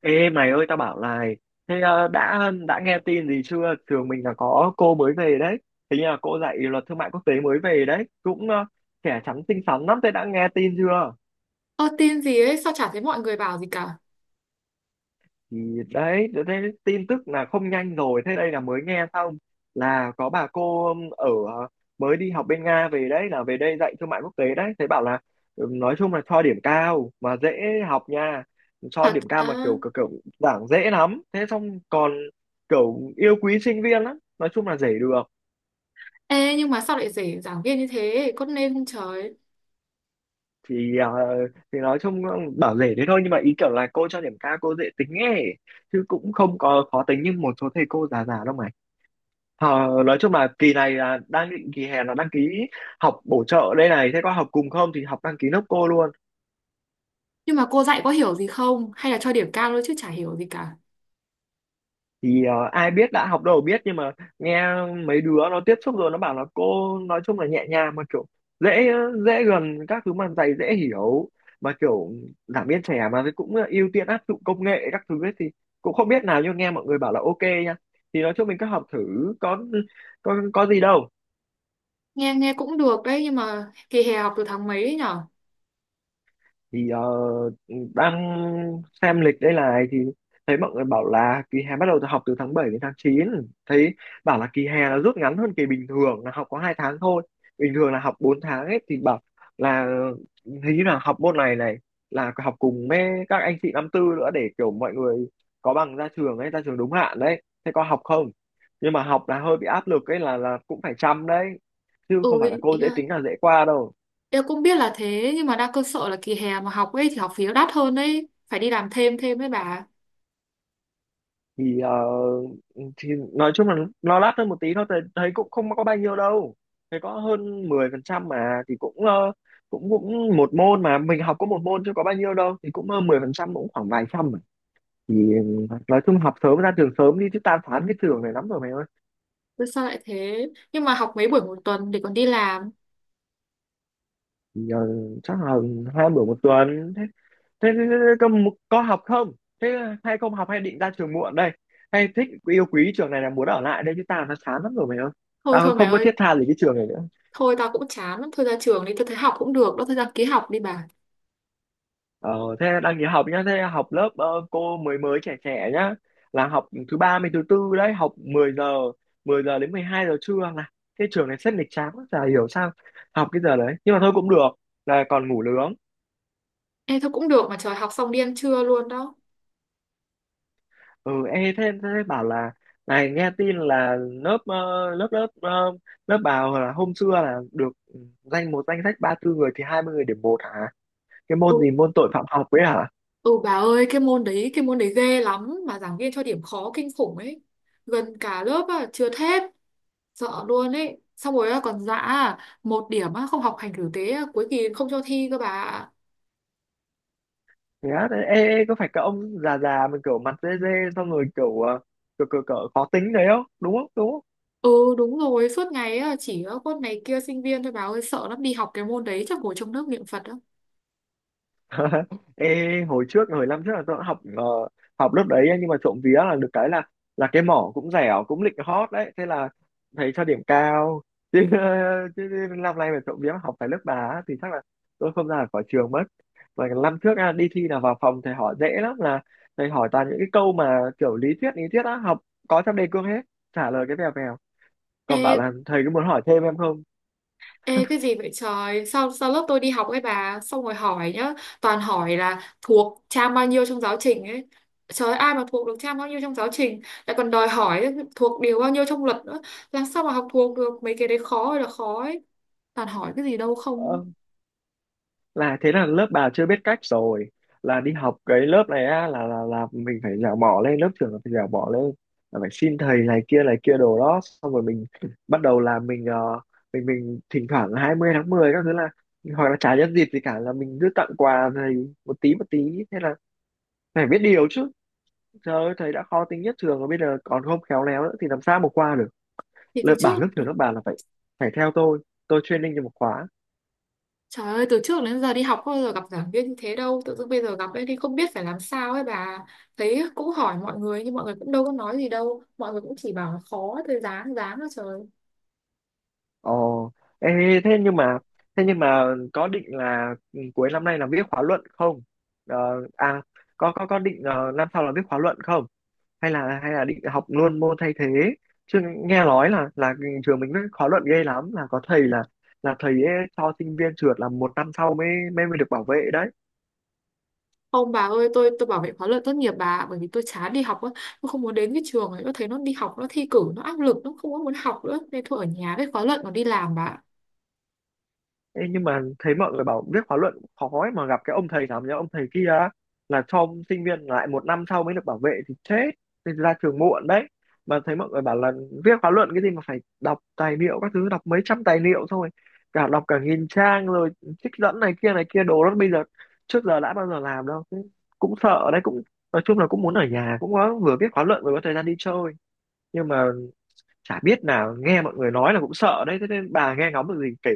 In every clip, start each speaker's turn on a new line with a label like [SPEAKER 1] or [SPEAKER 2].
[SPEAKER 1] Ê mày ơi, tao bảo này. Thế đã nghe tin gì chưa? Trường mình là có cô mới về đấy. Hình như là cô dạy luật thương mại quốc tế mới về đấy, cũng trẻ trắng xinh xắn lắm. Thế đã nghe tin chưa?
[SPEAKER 2] Ơ, tin gì ấy? Sao chả thấy mọi người bảo gì cả?
[SPEAKER 1] Thì đấy, tôi thấy tin tức là không nhanh rồi. Thế đây là mới nghe xong, là có bà cô ở mới đi học bên Nga về đấy, là về đây dạy thương mại quốc tế đấy. Thấy bảo là nói chung là cho điểm cao mà dễ học nha. Cho
[SPEAKER 2] Thật
[SPEAKER 1] điểm cao mà
[SPEAKER 2] à?
[SPEAKER 1] kiểu kiểu, kiểu giảng dễ lắm. Thế xong còn kiểu yêu quý sinh viên lắm, nói chung là dễ được.
[SPEAKER 2] Ê, nhưng mà sao lại rể giảng viên như thế? Con nên không trời.
[SPEAKER 1] Thì ờ, thì nói chung bảo dễ thế thôi, nhưng mà ý kiểu là cô cho điểm cao, cô dễ tính ấy, chứ cũng không có khó tính như một số thầy cô già già đâu mà. Ờ, nói chung là kỳ này là đang định kỳ hè là đăng ký học bổ trợ đây này. Thế có học cùng không? Thì học, đăng ký nốc cô luôn.
[SPEAKER 2] Nhưng mà cô dạy có hiểu gì không? Hay là cho điểm cao thôi chứ chả hiểu gì cả?
[SPEAKER 1] Thì ai biết, đã học đâu biết, nhưng mà nghe mấy đứa nó tiếp xúc rồi nó bảo là cô nói chung là nhẹ nhàng mà kiểu dễ dễ gần các thứ, mà thầy dễ hiểu, mà kiểu giảng viên trẻ mà thì cũng ưu tiên áp dụng công nghệ các thứ ấy. Thì cũng không biết nào, nhưng nghe mọi người bảo là ok nha. Thì nói chung mình cứ học thử, có có gì đâu.
[SPEAKER 2] Nghe nghe cũng được đấy. Nhưng mà kỳ hè học từ tháng mấy ấy nhở?
[SPEAKER 1] Thì đang xem lịch đây này, thì thấy mọi người bảo là kỳ hè bắt đầu từ học từ tháng 7 đến tháng 9. Thấy bảo là kỳ hè là rút ngắn hơn kỳ bình thường, là học có 2 tháng thôi, bình thường là học 4 tháng ấy. Thì bảo là hình như là học môn này này là học cùng với các anh chị năm 4 nữa, để kiểu mọi người có bằng ra trường ấy, ra trường đúng hạn đấy. Thế có học không? Nhưng mà học là hơi bị áp lực ấy, là cũng phải chăm đấy, chứ
[SPEAKER 2] Ừ,
[SPEAKER 1] không phải là
[SPEAKER 2] ý
[SPEAKER 1] cô dễ
[SPEAKER 2] là
[SPEAKER 1] tính là dễ qua đâu.
[SPEAKER 2] em cũng biết là thế. Nhưng mà đang cơ sợ là kỳ hè mà học ấy thì học phí nó đắt hơn đấy, phải đi làm thêm thêm đấy bà.
[SPEAKER 1] Thì thì nói chung là nó lát hơn một tí thôi, thấy cũng không có bao nhiêu đâu. Thấy có hơn 10% mà, thì cũng ờ, cũng cũng một môn, mà mình học có một môn chứ có bao nhiêu đâu, thì cũng hơn 10%, cũng khoảng vài trăm mà. Thì nói chung học sớm ra trường sớm đi, chứ tan phán cái trường này lắm rồi mày ơi.
[SPEAKER 2] Thế sao lại thế? Nhưng mà học mấy buổi một tuần để còn đi làm?
[SPEAKER 1] Thì, chắc là 2 bữa một tuần. Thế thế, thế, thế thế có học không? Thế hay không học, hay định ra trường muộn đây, hay thích yêu quý trường này là muốn ở lại đây? Chứ tao nó chán lắm rồi mày ơi,
[SPEAKER 2] Thôi
[SPEAKER 1] tao
[SPEAKER 2] thôi mày
[SPEAKER 1] không có
[SPEAKER 2] ơi.
[SPEAKER 1] thiết tha gì cái trường này nữa.
[SPEAKER 2] Thôi tao cũng chán lắm, thôi ra trường đi. Tao thấy học cũng được, đó thôi ra ký học đi bà.
[SPEAKER 1] Ờ, thế đang nghỉ học nhá. Thế học lớp cô mới mới trẻ trẻ nhá, là học thứ ba mới thứ tư đấy, học 10 giờ, 10 giờ đến 12 giờ trưa. Là cái trường này rất nghịch chán, chả hiểu sao học cái giờ đấy, nhưng mà thôi cũng được, là còn ngủ nướng.
[SPEAKER 2] Ê, thôi cũng được mà trời, học xong đi ăn trưa luôn đó.
[SPEAKER 1] Ừ, ê, thế bảo là này nghe tin là lớp bảo là hôm xưa là được một danh sách 34 người thì 20 người điểm 1 hả? Cái
[SPEAKER 2] Ừ,
[SPEAKER 1] môn gì, môn tội phạm học ấy hả?
[SPEAKER 2] ừ bà ơi, cái môn đấy, cái môn đấy ghê lắm mà giảng viên cho điểm khó kinh khủng ấy. Gần cả lớp à, trượt hết. Sợ luôn ấy. Xong rồi á, còn dã à, một điểm á, không học hành tử tế á, cuối kỳ không cho thi cơ bà ạ.
[SPEAKER 1] Thế á, ê, ê, có phải cái ông già già mình kiểu mặt dê dê, xong rồi kiểu ờ, kiểu, kiểu, kiểu khó tính đấy không? Đúng không? Đúng không?
[SPEAKER 2] Ừ đúng rồi, suốt ngày á, chỉ có con này kia sinh viên thôi bà ơi, sợ lắm, đi học cái môn đấy chắc ngồi trong nước niệm Phật á.
[SPEAKER 1] Ê hồi trước, hồi năm trước là tôi cũng học học lớp đấy ấy, nhưng mà trộm vía là được cái là cái mỏ cũng dẻo cũng lịch hot đấy, thế là thầy cho điểm cao chứ. Chứ năm nay mà trộm vía mà học phải lớp bà á, thì chắc là tôi không ra được khỏi trường mất. Và cái năm trước à, đi thi là vào phòng thầy hỏi dễ lắm, là thầy hỏi toàn những cái câu mà kiểu lý thuyết á, học có trong đề cương hết, trả lời cái vèo vèo, còn bảo
[SPEAKER 2] Ê,
[SPEAKER 1] là thầy có muốn hỏi thêm em không.
[SPEAKER 2] ê, cái gì vậy trời? Sao lớp tôi đi học ấy bà, xong rồi hỏi nhá. Toàn hỏi là thuộc trang bao nhiêu trong giáo trình ấy. Trời ơi, ai mà thuộc được trang bao nhiêu trong giáo trình? Lại còn đòi hỏi thuộc điều bao nhiêu trong luật nữa. Làm sao mà học thuộc được? Mấy cái đấy khó ơi là khó ấy. Toàn hỏi cái gì đâu không.
[SPEAKER 1] ờ, là thế là lớp bà chưa biết cách rồi. Là đi học cái lớp này á, là mình phải dẻo mỏ lên, lớp trưởng là phải dẻo mỏ lên, là phải xin thầy này kia đồ đó. Xong rồi mình bắt đầu là mình mình thỉnh thoảng là 20 tháng 10 các thứ, là hoặc là chả nhân dịp gì cả là mình cứ tặng quà thầy một tí một tí. Thế là phải biết điều chứ. Trời ơi thầy đã khó tính nhất trường rồi, bây giờ còn không khéo léo nữa thì làm sao mà qua được.
[SPEAKER 2] Thì từ
[SPEAKER 1] Lớp
[SPEAKER 2] trước.
[SPEAKER 1] bảo lớp trưởng lớp bà là phải, phải theo tôi training cho một khóa.
[SPEAKER 2] Trời ơi, từ trước đến giờ đi học không bao giờ gặp giảng viên như thế đâu. Tự dưng bây giờ gặp ấy thì không biết phải làm sao ấy bà. Thấy cũng hỏi mọi người, nhưng mọi người cũng đâu có nói gì đâu. Mọi người cũng chỉ bảo là khó. Thôi dáng dáng thôi trời.
[SPEAKER 1] Ồ, ê, thế nhưng mà thế nhưng mà có định là cuối năm nay là viết khóa luận không? Ờ, à, có định năm sau là viết khóa luận không? Hay là định học luôn môn thay thế? Chứ nghe nói là trường mình viết khóa luận ghê lắm, là có thầy là thầy ấy cho sinh viên trượt là một năm sau mới mới mới được bảo vệ đấy.
[SPEAKER 2] Không bà ơi, tôi bảo vệ khóa luận tốt nghiệp bà ạ, bởi vì tôi chán đi học á, tôi không muốn đến cái trường ấy, tôi thấy nó đi học nó thi cử nó áp lực, nó không có muốn học nữa nên thôi ở nhà với khóa luận còn đi làm bà ạ.
[SPEAKER 1] Ê, nhưng mà thấy mọi người bảo viết khóa luận cũng khó ấy, mà gặp cái ông thầy nào nhá, ông thầy kia á, là cho sinh viên lại một năm sau mới được bảo vệ thì chết, nên ra trường muộn đấy. Mà thấy mọi người bảo là viết khóa luận cái gì mà phải đọc tài liệu các thứ, đọc mấy trăm tài liệu, xong rồi cả đọc cả nghìn trang rồi trích dẫn này kia đồ đó. Bây giờ trước giờ đã bao giờ làm đâu. Thế cũng sợ đấy, cũng nói chung là cũng muốn ở nhà, cũng có vừa viết khóa luận vừa có thời gian đi chơi. Nhưng mà chả biết nào, nghe mọi người nói là cũng sợ đấy, thế nên bà nghe ngóng được gì kể.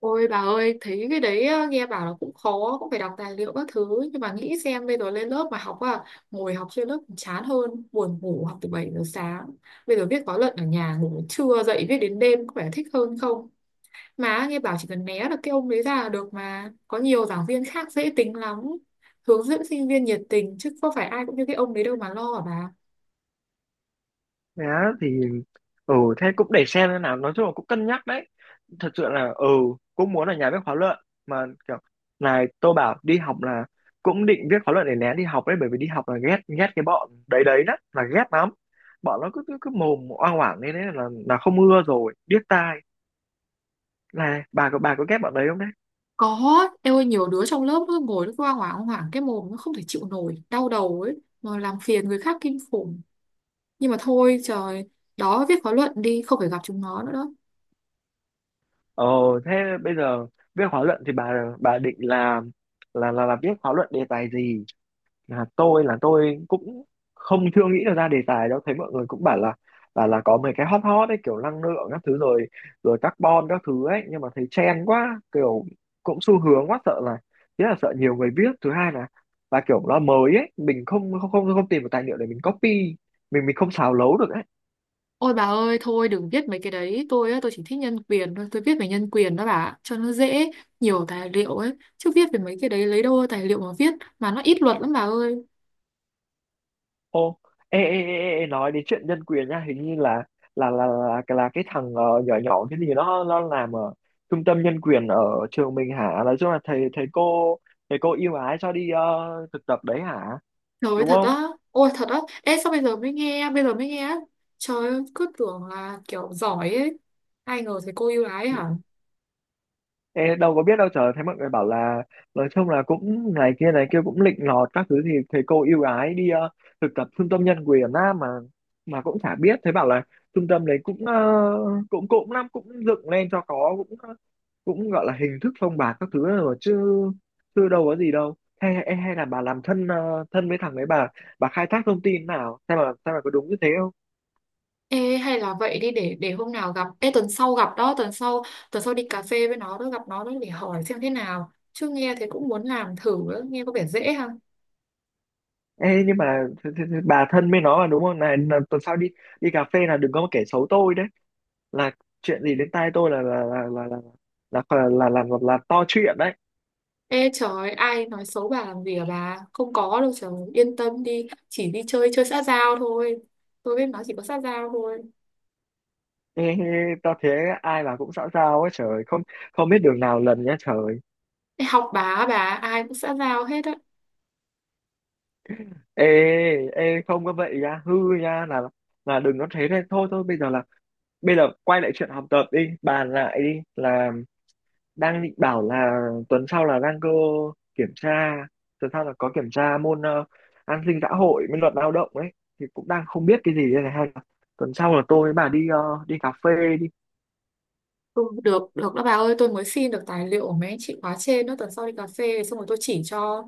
[SPEAKER 2] Ôi bà ơi, thấy cái đấy á, nghe bảo là cũng khó, cũng phải đọc tài liệu các thứ, nhưng mà nghĩ xem bây giờ lên lớp mà học à, ngồi học trên lớp còn chán hơn, buồn ngủ học từ 7 giờ sáng. Bây giờ viết khóa luận ở nhà, ngủ đến trưa dậy viết đến đêm, có vẻ thích hơn không? Mà nghe bảo chỉ cần né được cái ông đấy ra là được mà. Có nhiều giảng viên khác dễ tính lắm. Hướng dẫn sinh viên nhiệt tình, chứ có phải ai cũng như cái ông đấy đâu mà lo hả bà.
[SPEAKER 1] Thế á? Thì ừ, thế cũng để xem thế nào, nói chung là cũng cân nhắc đấy, thật sự là ừ cũng muốn là nhà viết khóa luận. Mà kiểu, này tôi bảo đi học là cũng định viết khóa luận để né đi học đấy, bởi vì đi học là ghét ghét cái bọn đấy đấy đó, là ghét lắm. Bọn nó cứ cứ, cứ mồm oang oảng lên đấy, là không ưa rồi, điếc tai. Này bà có, bà có ghét bọn đấy không đấy?
[SPEAKER 2] Có, em ơi nhiều đứa trong lớp nó ngồi nó cứ hoảng hoảng hoảng cái mồm, nó không thể chịu nổi, đau đầu ấy, mà làm phiền người khác kinh khủng. Nhưng mà thôi trời, đó viết khóa luận đi, không phải gặp chúng nó nữa đó.
[SPEAKER 1] Ờ, thế bây giờ viết khóa luận thì bà định là, viết khóa luận đề tài gì? Là tôi là tôi cũng không, chưa nghĩ được ra đề tài đâu. Thấy mọi người cũng bảo là là có mấy cái hot hot ấy, kiểu năng lượng các thứ rồi, rồi carbon các thứ ấy, nhưng mà thấy trend quá, kiểu cũng xu hướng quá, sợ là thứ nhất là sợ nhiều người biết, thứ hai là kiểu nó mới ấy, mình không không không không tìm được tài liệu để mình copy, mình không xào lấu được ấy.
[SPEAKER 2] Ôi bà ơi, thôi đừng viết mấy cái đấy, tôi á, tôi chỉ thích nhân quyền thôi, tôi viết về nhân quyền đó bà, cho nó dễ, nhiều tài liệu ấy, chứ viết về mấy cái đấy lấy đâu ra tài liệu mà viết, mà nó ít luật lắm bà ơi.
[SPEAKER 1] Ô, ê, nói đến chuyện nhân quyền nha. Hình như là cái thằng nhỏ nhỏ cái gì, nó làm ở trung tâm nhân quyền ở trường mình hả? Nói chung là thầy thầy cô ưu ái cho đi thực tập đấy hả?
[SPEAKER 2] Trời ơi
[SPEAKER 1] Đúng
[SPEAKER 2] thật
[SPEAKER 1] không?
[SPEAKER 2] á? Ôi thật á? Ê sao bây giờ mới nghe? Bây giờ mới nghe á? Trời ơi cứ tưởng là kiểu giỏi ấy, ai ngờ thấy cô yêu ái hả?
[SPEAKER 1] Ê, đâu có biết đâu trời. Thấy mọi người bảo là nói chung là cũng này kia cũng lịnh lọt các thứ, thì thầy cô ưu ái đi thực tập trung tâm nhân quyền á mà. Mà cũng chả biết, thấy bảo là trung tâm đấy cũng năm cũng dựng lên cho có, cũng cũng gọi là hình thức phong bạc các thứ rồi chứ chưa, đâu có gì đâu. Hay hay, hay là bà làm thân thân với thằng ấy, bà khai thác thông tin nào, sao mà, sao mà có đúng như thế không?
[SPEAKER 2] Ê, hay là vậy đi, để hôm nào gặp. Ê tuần sau gặp đó. Tuần sau đi cà phê với nó đó. Gặp nó đó để hỏi xem thế nào, chứ nghe thế cũng muốn làm thử đó. Nghe có vẻ dễ ha.
[SPEAKER 1] Ê, nhưng mà bà thân với nó mà đúng không, này là tuần sau đi, đi cà phê là đừng có mà kể xấu tôi đấy, là chuyện gì đến tai tôi là, là to chuyện đấy.
[SPEAKER 2] Ê trời, ai nói xấu bà làm gì à bà. Không có đâu trời, yên tâm đi. Chỉ đi chơi chơi xã giao thôi. Tôi với nó chỉ có xã giao thôi.
[SPEAKER 1] Ê, ê, tao thế ai mà cũng xã giao ấy trời, không không biết đường nào lần nhá trời.
[SPEAKER 2] Ê, học bà á, bà, ai cũng xã giao hết á.
[SPEAKER 1] Ê ê, không có vậy nha hư nha, là đừng có thế. Nên thôi thôi bây giờ là bây giờ quay lại chuyện học tập đi, bàn lại đi. Là đang định bảo là tuần sau là đang cơ kiểm tra, tuần sau là có kiểm tra môn an sinh xã hội với luật lao động ấy, thì cũng đang không biết cái gì đây này. Hay là tuần sau là tôi với bà đi đi cà phê đi?
[SPEAKER 2] Ừ, được được đó bà ơi, tôi mới xin được tài liệu của mấy anh chị khóa trên đó, tuần sau đi cà phê xong rồi tôi chỉ cho.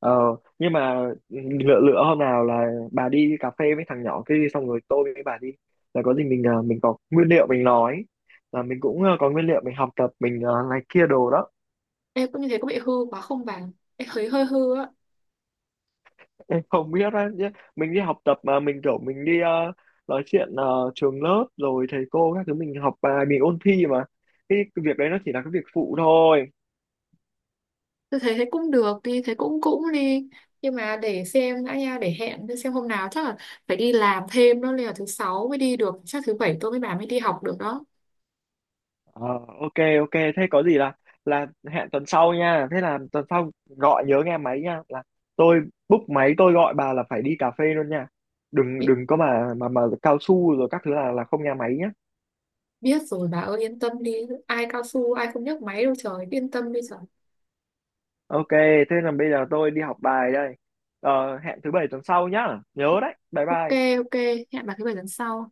[SPEAKER 1] Ờ, nhưng mà ừ, lựa lựa hôm nào là bà đi cà phê với thằng nhỏ kia đi, xong rồi tôi với bà đi, là có gì mình mình có nguyên liệu mình nói, là mình cũng có nguyên liệu mình học tập, mình này kia đồ đó.
[SPEAKER 2] Em cũng như thế có bị hư quá không bà? Em thấy hơi hư á.
[SPEAKER 1] Em không biết á, nhé. Mình đi học tập mà mình kiểu mình đi nói chuyện trường lớp rồi thầy cô các thứ, mình học bài, mình ôn thi mà, cái việc đấy nó chỉ là cái việc phụ thôi.
[SPEAKER 2] Tôi thấy thế cũng được, đi thế cũng cũng đi, nhưng mà để xem đã nha, để hẹn để xem hôm nào. Chắc là phải đi làm thêm đó, nên là thứ sáu mới đi được, chắc thứ bảy tôi với bà mới đi học được đó.
[SPEAKER 1] Ờ, ok. Ok, thế có gì là hẹn tuần sau nha. Thế là tuần sau gọi nhớ nghe máy nha, là tôi book máy tôi gọi bà là phải đi cà phê luôn nha, đừng
[SPEAKER 2] Bi-
[SPEAKER 1] đừng có mà cao su rồi các thứ, là không nghe máy nhé.
[SPEAKER 2] Biết rồi bà ơi, yên tâm đi. Ai cao su, ai không nhấc máy đâu trời, yên tâm đi trời.
[SPEAKER 1] Ok, thế là bây giờ tôi đi học bài đây. Ờ, hẹn thứ bảy tuần sau nhá, nhớ đấy, bye
[SPEAKER 2] OK.
[SPEAKER 1] bye.
[SPEAKER 2] OK, hẹn bà thứ bảy tuần sau.